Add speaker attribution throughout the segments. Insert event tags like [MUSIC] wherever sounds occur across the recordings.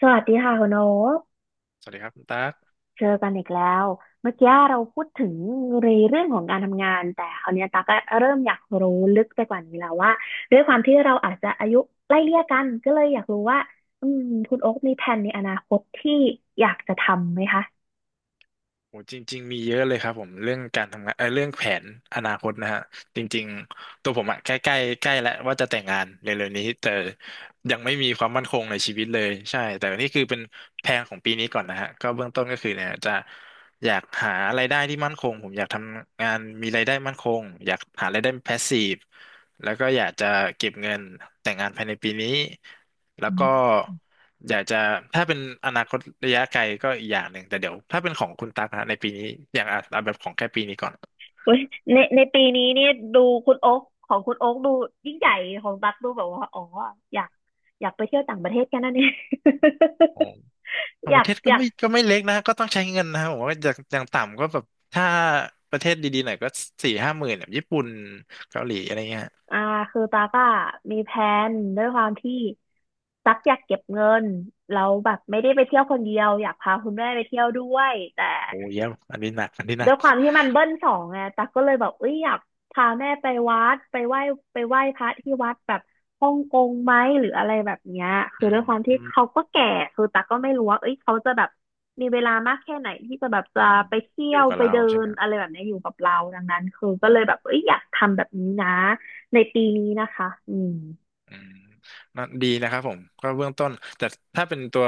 Speaker 1: สวัสดีค่ะคุณโอ๊ค
Speaker 2: สวัสดีครับคุณตั๊ก
Speaker 1: เจอกันอีกแล้ว เมื่อกี้เราพูดถึงในเรื่องของการทำงานแต่คราวเนี้ยตาก็เริ่มอยากรู้ลึกไปกว่านี้แล้วว่าด้วยความที่เราอาจจะอายุไล่เลี่ยกันก็เลยอยากรู้ว่าอืมคุณโอ๊คมีแผนในอนาคตที่อยากจะทำไหมคะ
Speaker 2: โอ้จริงๆมีเยอะเลยครับผมเรื่องการทำงานเรื่องแผนอนาคตนะฮะจริงๆตัวผมอะใกล้ใกล้ใกล้แล้วว่าจะแต่งงานเร็วๆนี้แต่ยังไม่มีความมั่นคงในชีวิตเลยใช่แต่นี่คือเป็นแพลนของปีนี้ก่อนนะฮะก็เบื้องต้นก็คือเนี่ยจะอยากหารายได้ที่มั่นคงผมอยากทำงานมีรายได้มั่นคงอยากหารายได้แพสซีฟแล้วก็อยากจะเก็บเงินแต่งงานภายในปีนี้แล้ว
Speaker 1: อื
Speaker 2: ก็
Speaker 1: ม
Speaker 2: อยากจะถ้าเป็นอนาคตระยะไกลก็อีกอย่างหนึ่งแต่เดี๋ยวถ้าเป็นของคุณตั๊กนะในปีนี้อย่างอ่ะเอาแบบของแค่ปีนี้ก่อน
Speaker 1: อุ๊ยในปีนี้นี่ดูคุณโอ๊คของคุณโอ๊คดูยิ่งใหญ่ของตักดูแบบว่าอ๋ออยากไปเที่ยวต่างประเทศแค่นั้นเอง
Speaker 2: อ๋อ
Speaker 1: [LAUGHS]
Speaker 2: ต่า
Speaker 1: อ
Speaker 2: งป
Speaker 1: ยา
Speaker 2: ระ
Speaker 1: ก
Speaker 2: เทศก็
Speaker 1: อยาก
Speaker 2: ไม่ก็ไม่เล็กนะก็ต้องใช้เงินนะผมว่าอย่างต่ำก็แบบถ้าประเทศดีๆหน่อยก็สี่ห้าหมื่นแบบญี่ปุ่นเกาหลีอะไรเงี้ย
Speaker 1: อ่าคือตาก็มีแผนด้วยความที่ตักอยากเก็บเงินแล้วแบบไม่ได้ไปเที่ยวคนเดียวอยากพาคุณแม่ไปเที่ยวด้วยแต่
Speaker 2: โอ้เยี่ยมอันนี้หนักอันนี้หนั
Speaker 1: ด้ว
Speaker 2: ก
Speaker 1: ยความที่มันเบิ้ลสองไงตักก็เลยแบบเอ้ยอยากพาแม่ไปวัดไปไหว้ไปไหว้พระที่วัดแบบฮ่องกงไหมหรืออะไรแบบเนี้ยคื
Speaker 2: อื
Speaker 1: อด้ว
Speaker 2: ม
Speaker 1: ยความ
Speaker 2: อื
Speaker 1: ที่
Speaker 2: ม
Speaker 1: เขาก็แก่คือตักก็ไม่รู้ว่าเอ้ยเขาจะแบบมีเวลามากแค่ไหนที่จะแบบ
Speaker 2: อื
Speaker 1: จะ
Speaker 2: ม
Speaker 1: ไปเที่
Speaker 2: อ
Speaker 1: ย
Speaker 2: ยู่
Speaker 1: ว
Speaker 2: กับ
Speaker 1: ไป
Speaker 2: เรา
Speaker 1: เดิ
Speaker 2: ใช่ไหม
Speaker 1: น
Speaker 2: ครั
Speaker 1: อะไร
Speaker 2: บ
Speaker 1: แบบเนี้ยอยู่กับเราดังนั้นคือก็เลยแบบเอ้ยอยากทำแบบนี้นะในปีนี้นะคะอืม
Speaker 2: อืมน่าดีนะครับผมก็เบื้องต้น แต่ถ้าเป็นตัว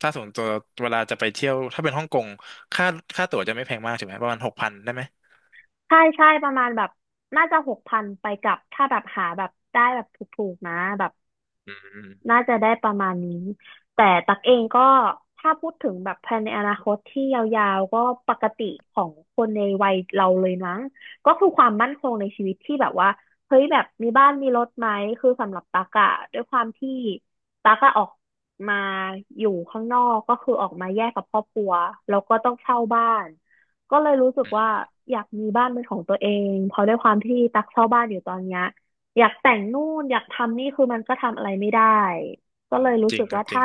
Speaker 2: ส่วนตัวเวลาจะไปเที่ยวถ้าเป็นฮ่องกงค่าค่าตั๋วจะไม่แพงมากใช่ไหมประมาณ6,000ได้ไหม
Speaker 1: ใช่ใช่ประมาณแบบน่าจะ6,000ไปกลับถ้าแบบหาแบบได้แบบถูกๆนะแบบ
Speaker 2: อืมอืม
Speaker 1: น่าจะได้ประมาณนี้ แต่ตักเอ
Speaker 2: อ๋
Speaker 1: งก็
Speaker 2: อ
Speaker 1: ถ้าพูดถึงแบบแพนในอนาคตที่ยาวๆก็ปกติของคนในวัยเราเลยนะ ก็คือความมั่นคงในชีวิตที่แบบว่าเฮ้ยแบบมีบ้านมีรถไหมคือสำหรับตักอะด้วยความที่ตักอะออกมาอยู่ข้างนอกก็คือออกมาแยกกับครอบครัวแล้วก็ต้องเช่าบ้าน ก็เลยรู้สึก
Speaker 2: อื
Speaker 1: ว่า
Speaker 2: ม
Speaker 1: อยากมีบ้านเป็นของตัวเอง เพราะด้วยความที่ตักเช่าบ้านอยู่ตอนเนี้ย อยากแต่งนู่นอยากทำนี่คือมันก็ทำอะไรไม่ได้ก็
Speaker 2: อื
Speaker 1: เล
Speaker 2: ม
Speaker 1: ยรู้
Speaker 2: จริ
Speaker 1: สึ
Speaker 2: ง
Speaker 1: ก
Speaker 2: ครั
Speaker 1: ว่า
Speaker 2: บจริง
Speaker 1: ถ้า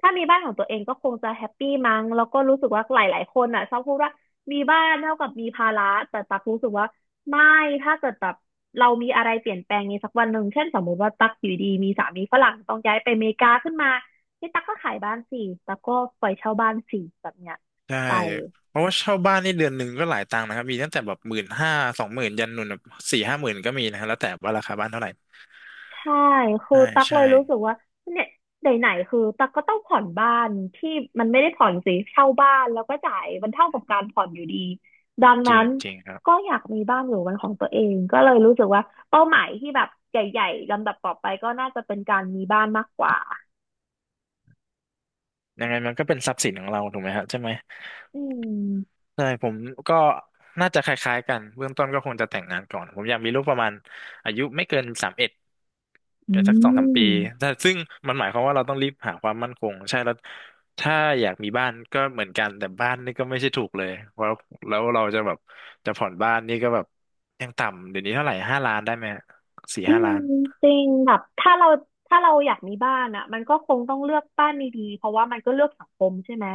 Speaker 1: ถ้ามีบ้านของตัวเองก็คงจะแฮปปี้มั้งแล้วก็รู้สึกว่าหลาย ๆ คนอ่ะชอบพูดว่ามีบ้านเท่ากับมีภาระแต่ตักรู้สึกว่าไม่ถ้าเกิดแบบเรามีอะไรเปลี่ยนแปลงในสักวันหนึ่งเช่นสมมติว่าตักอยู่ดีมีสามีฝรั่งต้องย้ายไปอเมริกาขึ้นมานี่ตักก็ขายบ้านสิตักก็ปล่อยเช่าบ้านสิแบบเนี้ย
Speaker 2: ใช่
Speaker 1: ไป
Speaker 2: เพราะว่าเช่าบ้านนี่เดือนหนึ่งก็หลายตังค์นะครับมีตั้งแต่แบบ15,00020,000ยันหนุนแบบสี่ห้าหมื่นก็มีนะครับแล้วแต่ว่าราคาบ้านเท่าไหร่
Speaker 1: ใช่คือ
Speaker 2: ใช่
Speaker 1: ตักเล
Speaker 2: ใช่
Speaker 1: ยรู้สึกว่าเนี่ยไหนๆคือตักก็ต้องผ่อนบ้านที่มันไม่ได้ผ่อนสิเช่าบ้านแล้วก็จ่ายมันเท่ากับการผ่อนอยู่ดีดัง
Speaker 2: จริ
Speaker 1: นั้
Speaker 2: ง
Speaker 1: น
Speaker 2: จริงครับ
Speaker 1: ก็อยากมีบ้านอยู่เป็นของตัวเองก็เลยรู้สึกว่าเป้าหมายที่แบบใหญ่ๆลำดับต่อไปก็น่าจะเป็นการมีบ้านมากกว่า
Speaker 2: ยังไงมันก็เป็นทรัพย์สินของเราถูกไหมฮะใช่ไหม
Speaker 1: อืม
Speaker 2: ใช่ผมก็น่าจะคล้ายๆกันเบื้องต้นก็คงจะแต่งงานก่อนผมอยากมีลูกประมาณอายุไม่เกิน31
Speaker 1: อื
Speaker 2: แต่สักสองสามปี
Speaker 1: ม
Speaker 2: แต่ซึ่งมันหมายความว่าเราต้องรีบหาความมั่นคงใช่แล้วถ้าอยากมีบ้านก็เหมือนกันแต่บ้านนี่ก็ไม่ใช่ถูกเลยเพราะแล้วเราจะแบบจะผ่อนบ้านนี่ก็แบบยังต่ำเดี๋ยวนี้เท่าไหร่ห้าล้านได้ไหมสี่
Speaker 1: อื
Speaker 2: ห้าล้า
Speaker 1: ม
Speaker 2: น
Speaker 1: จริงแบบถ้าเราอยากมีบ้านอ่ะมันก็คงต้องเลือกบ้านดีๆเพราะว่ามันก็เลือกสังคมใช่ไหม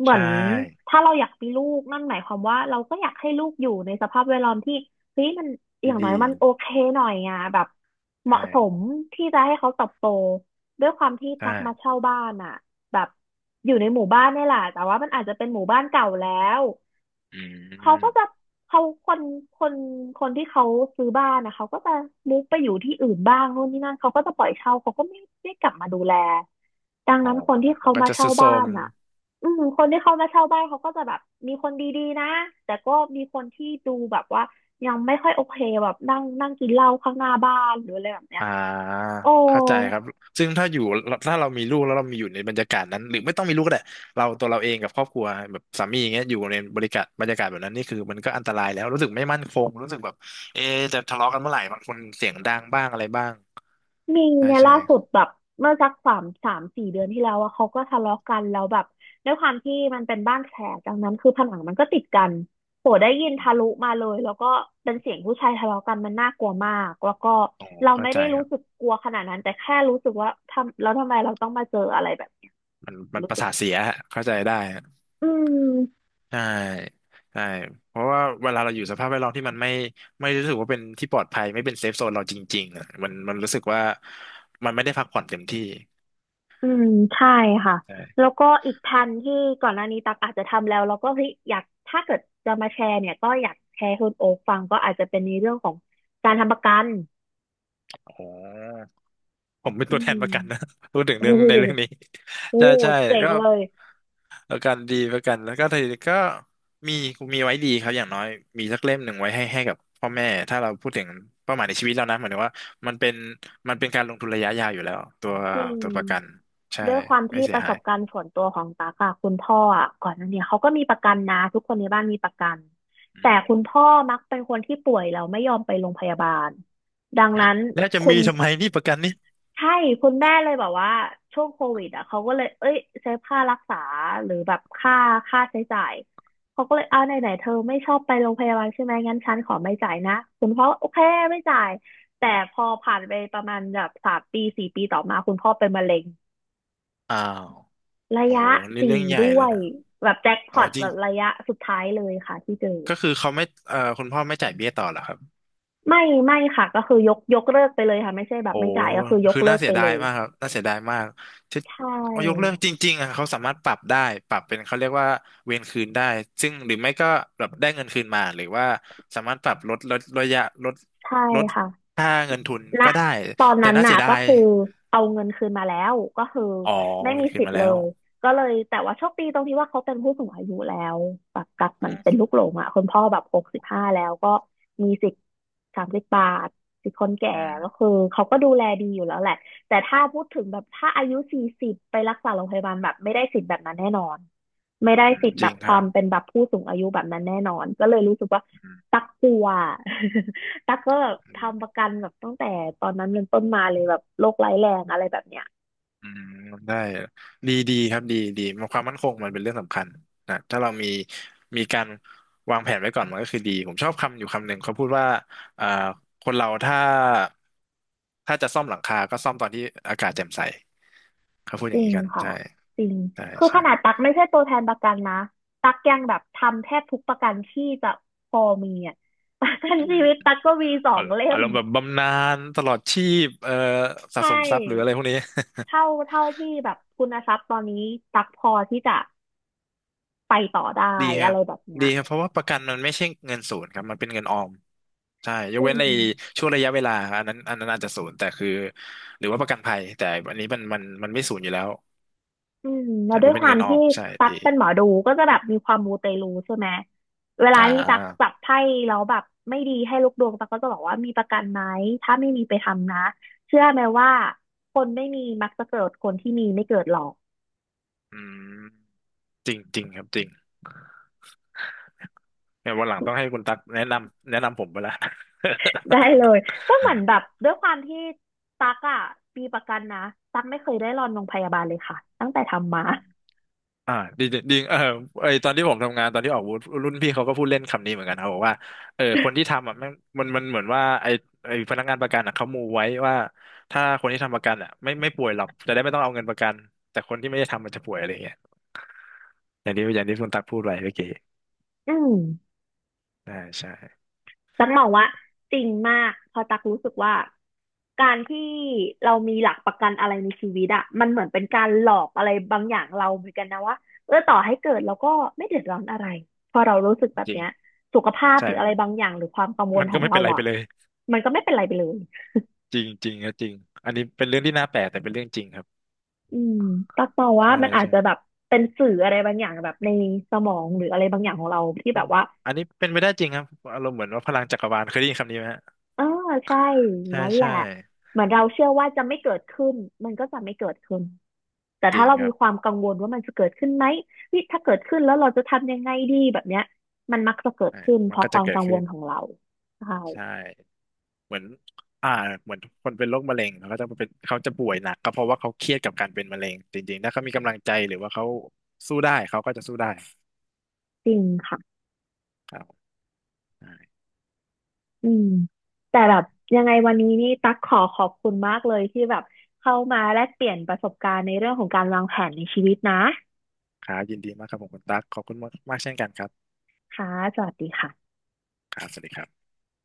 Speaker 1: เหมื
Speaker 2: ใช
Speaker 1: อน
Speaker 2: ่
Speaker 1: ถ้าเราอยากมีลูกนั่นหมายความว่าเราก็อยากให้ลูกอยู่ในสภาพแวดล้อมที่เฮ้ยมันอ
Speaker 2: ด
Speaker 1: ย่างน้อย
Speaker 2: ี
Speaker 1: มันโอเคหน่อยอ่ะแบบ
Speaker 2: ๆ
Speaker 1: เหมาะ
Speaker 2: ใช่
Speaker 1: สมที่จะให้เขาเติบโตด้วยความที่ตั
Speaker 2: ใช่
Speaker 1: กมาเช่าบ้านอ่ะแบบอยู่ในหมู่บ้านนี่แหละแต่ว่ามันอาจจะเป็นหมู่บ้านเก่าแล้ว
Speaker 2: อื
Speaker 1: เขาก็จะ
Speaker 2: ม
Speaker 1: เขาคนคนที่เขาซื้อบ้านนะเขาก็จะมุกไปอยู่ที่อื่นบ้างโน่นนี่นั่นเขาก็จะปล่อยเช่าเขาก็ไม่ได้กลับมาดูแลดัง
Speaker 2: อ๋อ
Speaker 1: นั้นคนที่
Speaker 2: มั
Speaker 1: เขา
Speaker 2: นก็
Speaker 1: มา
Speaker 2: จะ
Speaker 1: เช่า
Speaker 2: ทุดโทร
Speaker 1: บ้า
Speaker 2: ม
Speaker 1: นอ่ะอืมคนที่เขามาเช่าบ้านเขาก็จะแบบมีคนดีๆนะแต่ก็มีคนที่ดูแบบว่ายังไม่ค่อยโอเคแบบนั่งนั่งกินเหล้าข้างหน้าบ้านหรืออะไรแบบเนี้ย
Speaker 2: อ่า
Speaker 1: โอ้
Speaker 2: เข้าใจครับซึ่งถ้าเรามีลูกแล้วเรามีอยู่ในบรรยากาศนั้นหรือไม่ต้องมีลูกก็ได้เราตัวเราเองกับครอบครัวแบบสามีอย่างเงี้ยอยู่ในบริการบรรยากาศแบบนั้นนี่คือมันก็อันตรายแล้วรู้สึกไม่มั่นคงรู้สึกแบบเอะจะทะเลาะกันเมื่อไหร่บางคนเสียงดังบ้างอะไรบ้าง
Speaker 1: มี
Speaker 2: ใช่
Speaker 1: เนี่ย
Speaker 2: ใช่
Speaker 1: ล่าสุดแบบเมื่อสักสามสี่เดือนที่แล้วอะเขาก็ทะเลาะกันแล้วแบบด้วยความที่มันเป็นบ้านแฝดดังนั้นคือผนังมันก็ติดกันโหได้ยินทะลุมาเลยแล้วก็เป็นเสียงผู้ชายทะเลาะกันมันน่ากลัวมากแล้วก็
Speaker 2: โอ้
Speaker 1: เรา
Speaker 2: เข้า
Speaker 1: ไม่
Speaker 2: ใจ
Speaker 1: ได้
Speaker 2: ค
Speaker 1: รู้
Speaker 2: รั
Speaker 1: สึก
Speaker 2: บ
Speaker 1: กลัวขนาดนั้นแต่แค่รู้สึกว่าทำแล้วทำไมเราต้องมาเจออะไรแบบเนี้ย
Speaker 2: มัน
Speaker 1: รู้
Speaker 2: ประ
Speaker 1: สึก
Speaker 2: สาทเสียฮะเข้าใจได้ฮะ
Speaker 1: อืม
Speaker 2: ใช่ใช่เพราะว่าเวลาเราอยู่สภาพแวดล้อมที่มันไม่รู้สึกว่าเป็นที่ปลอดภัยไม่เป็นเซฟโซนเราจริงๆอะมันรู้สึกว่ามันไม่ได้พักผ่อนเต็มที่
Speaker 1: อืมใช่ค่ะแล้วก็อีกแผนที่ก่อนหน้านี้ตักอาจจะทำแล้วแล้วก็เฮ้ยอยากถ้าเกิดจะมาแชร์เนี่ยก็อยากแชร์ให้คุณโอ๊คฟังก็อาจจะเป็นในเรื่องของการทำประกัน
Speaker 2: อ๋อผมเป็น
Speaker 1: อื
Speaker 2: ตัวแท
Speaker 1: ม
Speaker 2: นประกันนะ [LAUGHS] พูดถึง
Speaker 1: โอ้
Speaker 2: เรื่องในเรื่
Speaker 1: โห
Speaker 2: องนี้
Speaker 1: โอ้
Speaker 2: [LAUGHS] ใช่
Speaker 1: โห
Speaker 2: ใช่
Speaker 1: เจ๋ง
Speaker 2: ก็
Speaker 1: เลย
Speaker 2: ประกันดีประกันแล้วก็ทีนี้ก็มีมีไว้ดีครับอย่างน้อยมีสักเล่มหนึ่งไว้ให้กับพ่อแม่ถ้าเราพูดถึงเป้าหมายในชีวิตเรานะหมายถึงว่ามันเป็นมันเป็นการลงทุนระยะยาวอยู่แล้ว
Speaker 1: จริง
Speaker 2: ตัวประกันใช่
Speaker 1: ด้วยความ
Speaker 2: ไม่
Speaker 1: ที่
Speaker 2: เสี
Speaker 1: ป
Speaker 2: ย
Speaker 1: ระส
Speaker 2: หา
Speaker 1: บกา
Speaker 2: ย
Speaker 1: รณ์ส่วนตัวของตากอะคุณพ่ออะก่อนหน้าเนี้เขาก็มีประกันนะทุกคนในบ้านมีประกัน
Speaker 2: อื
Speaker 1: แต่คุณ
Speaker 2: ม
Speaker 1: พ่อมักเป็นคนที่ป่วยแล้วไม่ยอมไปโรงพยาบาลดังนั้น
Speaker 2: แล้วจะ
Speaker 1: คุ
Speaker 2: มี
Speaker 1: ณ
Speaker 2: ทำไมนี่ประกันนี่
Speaker 1: ใช่คุณแม่เลยแบบว่าช่วงโควิดอ่ะเขาก็เลยเอ้ยเซฟค่ารักษาหรือแบบค่าใช้จ่ายเขาก็เลยเอาไหนไหนเธอไม่ชอบไปโรงพยาบาลใช่ไหมงั้นฉันขอไม่จ่ายนะคุณพ่อโอเคไม่จ่ายแต่พอผ่านไปประมาณแบบ3 ปี 4 ปีต่อมาคุณพ่อเป็นมะเร็ง
Speaker 2: อ้าว
Speaker 1: ระ
Speaker 2: โอ้โห
Speaker 1: ยะ
Speaker 2: นี่เรื่
Speaker 1: สี่
Speaker 2: องใหญ่
Speaker 1: ด้
Speaker 2: เล
Speaker 1: ว
Speaker 2: ย
Speaker 1: ย
Speaker 2: นะ
Speaker 1: แบบแจ็คพ
Speaker 2: โอ้
Speaker 1: อต
Speaker 2: จ
Speaker 1: แบ
Speaker 2: ริง
Speaker 1: บระยะสุดท้ายเลยค่ะที่เจอ
Speaker 2: ก็คือเขาไม่คุณพ่อไม่จ่ายเบี้ยต่อเหรอครับ
Speaker 1: ไม่ค่ะก็คือยกเลิกไปเลยค่ะไม่ใช่แบ
Speaker 2: โอ้
Speaker 1: บไม่จ่ายก็คือยก
Speaker 2: คือ
Speaker 1: เลิ
Speaker 2: น่า
Speaker 1: ก
Speaker 2: เสี
Speaker 1: ไป
Speaker 2: ยดา
Speaker 1: เล
Speaker 2: ย
Speaker 1: ย
Speaker 2: มากครับ น่าเสียดายมากที่
Speaker 1: ใช
Speaker 2: เอายกเลิ
Speaker 1: ่
Speaker 2: กจริงๆอ่ะเขาสามารถปรับได้ ปรับเป็นเขาเรียกว่าเวรคืนได้ ซึ่งหรือไม่ก็แบบได้เงินคืนมาหรือว่าสามารถปรับลดลดระยะลด
Speaker 1: ใช่
Speaker 2: ลด
Speaker 1: ค่ะ
Speaker 2: ค่าเงินทุน
Speaker 1: ณ
Speaker 2: ก็ได้
Speaker 1: ตอน
Speaker 2: แต่
Speaker 1: นั้น
Speaker 2: น่าเสี
Speaker 1: น่ะ
Speaker 2: ยดา
Speaker 1: ก็
Speaker 2: ย
Speaker 1: คือเอาเงินคืนมาแล้วก็คือ
Speaker 2: อ๋อ
Speaker 1: ไม่
Speaker 2: เว
Speaker 1: มี
Speaker 2: รคืน
Speaker 1: สิท
Speaker 2: มา
Speaker 1: ธิ์เล
Speaker 2: แล้ว
Speaker 1: ยก็เลยแต่ว่าโชคดีตรงที่ว่าเขาเป็นผู้สูงอายุแล้วแบบกับเห
Speaker 2: อื
Speaker 1: มือนเป็น
Speaker 2: ม
Speaker 1: ลูกหลงอ่ะคุณพ่อแบบ65แล้วก็มีสิทธิ์30 บาทสิทธิ์คนแก่
Speaker 2: อื
Speaker 1: ก็
Speaker 2: ม
Speaker 1: คือเขาก็ดูแลดีอยู่แล้วแหละแต่ถ้าพูดถึงแบบถ้าอายุ40ไปรักษาโรงพยาบาลแบบไม่ได้สิทธิ์แบบนั้นแน่นอน ไม่ได้
Speaker 2: อืม
Speaker 1: สิทธิ์
Speaker 2: จ
Speaker 1: แบ
Speaker 2: ริง
Speaker 1: บ
Speaker 2: ค
Speaker 1: ค
Speaker 2: รั
Speaker 1: วา
Speaker 2: บ
Speaker 1: มเป็นแบบผู้สูงอายุแบบนั้นแน่นอนก็เลยรู้สึกว่า
Speaker 2: อ
Speaker 1: ตักกลัว [LAUGHS] ตักก็แบบ
Speaker 2: ื
Speaker 1: ทำป
Speaker 2: ม
Speaker 1: ระกันแบบตั้งแต่ตอนนั้นเป็นต้นมาเลยแบบโรคร้ายแรงอะไรแบบเนี้ย
Speaker 2: อืมได้ดีดีครับดีดีมันความมั่นคงมันเป็นเรื่องสำคัญนะถ้าเรามีการวางแผนไว้ก่อนมันก็คือดีผมชอบคำอยู่คำหนึ่งเขาพูดว่าอ่าคนเราถ้าจะซ่อมหลังคาก็ซ่อมตอนที่อากาศแจ่มใสเขาพูด
Speaker 1: จ
Speaker 2: อย่า
Speaker 1: ริ
Speaker 2: งนี้
Speaker 1: ง
Speaker 2: กัน
Speaker 1: ค่ะ
Speaker 2: ใช่
Speaker 1: จริง
Speaker 2: ใช่
Speaker 1: คือข
Speaker 2: ใช่
Speaker 1: นาดตักไม่ใช่ตัวแทนประกันนะตักยังแบบทำแทบทุกประกันที่จะพอมีอ่ะ [LAUGHS] ประกัน
Speaker 2: อืม
Speaker 1: ชีวิตตักก็มีสองเล่
Speaker 2: อา
Speaker 1: ม
Speaker 2: รมณ์แบบบำนาญตลอดชีพ
Speaker 1: ใช
Speaker 2: สะสมทรัพย์หรืออะไร
Speaker 1: ่
Speaker 2: พวกนี้ [LAUGHS]
Speaker 1: เท่าที่แบบคุณทรัพย์ตอนนี้ตักพอที่จะไปต่อได้
Speaker 2: ดีค
Speaker 1: อะ
Speaker 2: รั
Speaker 1: ไร
Speaker 2: บ
Speaker 1: แบบเนี้ย
Speaker 2: ดีครับเพราะว่าประกันมันไม่ใช่เงินศูนย์ครับมันเป็นเงินออมใช่ย
Speaker 1: จ
Speaker 2: ก
Speaker 1: ริ
Speaker 2: เว้น
Speaker 1: ง
Speaker 2: ในช่วงระยะเวลาอันนั้นอาจจะศูนย์แต่คือหรือว่าประกันภัยแต่อันนี้มันไม่ศูนย์อยู่แล้ว
Speaker 1: อืมแล้
Speaker 2: ใช่
Speaker 1: วด้ว
Speaker 2: มัน
Speaker 1: ย
Speaker 2: เป็
Speaker 1: ค
Speaker 2: น
Speaker 1: วา
Speaker 2: เงิ
Speaker 1: ม
Speaker 2: นออ
Speaker 1: ที่
Speaker 2: มใช่
Speaker 1: ตัก
Speaker 2: ดี
Speaker 1: เป็นหมอดูก็จะแบบมีความมูเตลูใช่ไหมเวลา
Speaker 2: อ่า
Speaker 1: ที่ตักจับไพ่แล้วแบบไม่ดีให้ลูกดวงตักก็จะบอกว่ามีประกันไหมถ้าไม่มีไปทำนะเชื่อไหมว่าคนไม่มีมักจะเกิดคนที่มีไม่เกิดหรอก
Speaker 2: อืมจริงจริงครับจริงเนี่ยวันหลังต้องให้คุณตักแนะนำผมไปละ [LAUGHS]
Speaker 1: [LAUGHS] ได้เลยก็เหมือนแบบด้วยความที่ตักอ่ะมีประกันนะตักไม่เคยได้รอนโรงพยาบาลเลยค่ะตั้งแต่ทำมา
Speaker 2: อ่าดีจริงเออไอตอนที่ผมทำงานตอนที่ออกบูธรุ่นพี่เขาก็พูดเล่นคำนี้เหมือนกันเขาบอกว่าเออคนที่ทำอ่ะแม่งมันเหมือนว่าไอพนักงานประกันอ่ะเขามูไว้ว่าถ้าคนที่ทำประกันอ่ะไม่ป่วยหรอกจะได้ไม่ต้องเอาเงินประกันแต่คนที่ไม่ได้ทำมันจะป่วยอะไรอย่างเงี้ยอย่างที่คุณตักพูดไว้เมื่อกี้
Speaker 1: [LAUGHS] อืม
Speaker 2: อ่าใช่
Speaker 1: ตักมองว่าจริงมากเพอตักรู้สึกว่าการที่เรามีหลักประกันอะไรในชีวิตอะมันเหมือนเป็นการหลอกอะไรบางอย่างเราเหมือนกันนะว่าเออต่อให้เกิดเราก็ไม่เดือดร้อนอะไรพอเรารู้สึกแบบ
Speaker 2: จริง
Speaker 1: เนี้ยสุขภาพ
Speaker 2: ใช่
Speaker 1: หรือ
Speaker 2: มั
Speaker 1: อะ
Speaker 2: น
Speaker 1: ไร
Speaker 2: มัน
Speaker 1: บางอย่างหรือความกังวล
Speaker 2: มัน
Speaker 1: ข
Speaker 2: ก็
Speaker 1: อง
Speaker 2: ไม่
Speaker 1: เรา
Speaker 2: เป็นไร
Speaker 1: อะ
Speaker 2: ไปเลย
Speaker 1: มันก็ไม่เป็นไรไปเลย
Speaker 2: จริงจริงครับจริงอันนี้เป็นเรื่องที่น่าแปลกแต่เป็นเรื่องจริงครับ
Speaker 1: อืมตักมองว่า
Speaker 2: ใช่
Speaker 1: มันอาจ
Speaker 2: ใช่
Speaker 1: จะแบบเป็นสื่ออะไรบางอย่างแบบในสมองหรืออะไรบางอย่างของเราที่
Speaker 2: เป็
Speaker 1: แบ
Speaker 2: น
Speaker 1: บว่า
Speaker 2: อันนี้เป็นไปได้จริงครับอารมณ์เหมือนว่าพลังจักรวาลเคยได้ยินคำนี้ไหมฮะ
Speaker 1: เออใช่อย่าง
Speaker 2: ใช่
Speaker 1: นั้นแห
Speaker 2: ใช่
Speaker 1: ละเหมือนเราเชื่อว่าจะไม่เกิดขึ้นมันก็จะไม่เกิดขึ้น แต่
Speaker 2: จ
Speaker 1: ถ้า
Speaker 2: ริง
Speaker 1: เรา
Speaker 2: ค
Speaker 1: มี
Speaker 2: รับ
Speaker 1: ความกังวลว่ามันจะเกิดขึ้นไหมวิถ้าเกิดขึ้นแล้วเราจะทำยังไงดีแบบเนี้ยมันมักจะเกิด
Speaker 2: ใช่
Speaker 1: ขึ้นเพ
Speaker 2: มัน
Speaker 1: ราะ
Speaker 2: ก็
Speaker 1: ค
Speaker 2: จะ
Speaker 1: วาม
Speaker 2: เกิด
Speaker 1: กังว
Speaker 2: ขึ้
Speaker 1: ล
Speaker 2: น
Speaker 1: ของเราใช่
Speaker 2: ใช่เหมือนอ่าเหมือนคนเป็นโรคมะเร็งเขาก็จะเป็นเขาจะป่วยหนักก็เพราะว่าเขาเครียดกับการเป็นมะเร็งจริงๆถ้าเขามีกำลังใจหรือว่าเขาสู้ได้เขาก็จะสู้ได้
Speaker 1: จริงค่ะ
Speaker 2: ครับใช่
Speaker 1: อืมแต่แบบยังไงวันนี้นี่ตั๊กขอขอบคุณมากเลยที่แบบเข้ามาแลกเปลี่ยนประสบการณ์ในเรื่องของการวางแผนในชีวิตนะ
Speaker 2: ครับยินดีมากครับผมคุณตั๊กขอบคุณมากมากเช่นกันครับ
Speaker 1: ค่ะสวัสดีค่ะ
Speaker 2: ครับสวัสดีครับ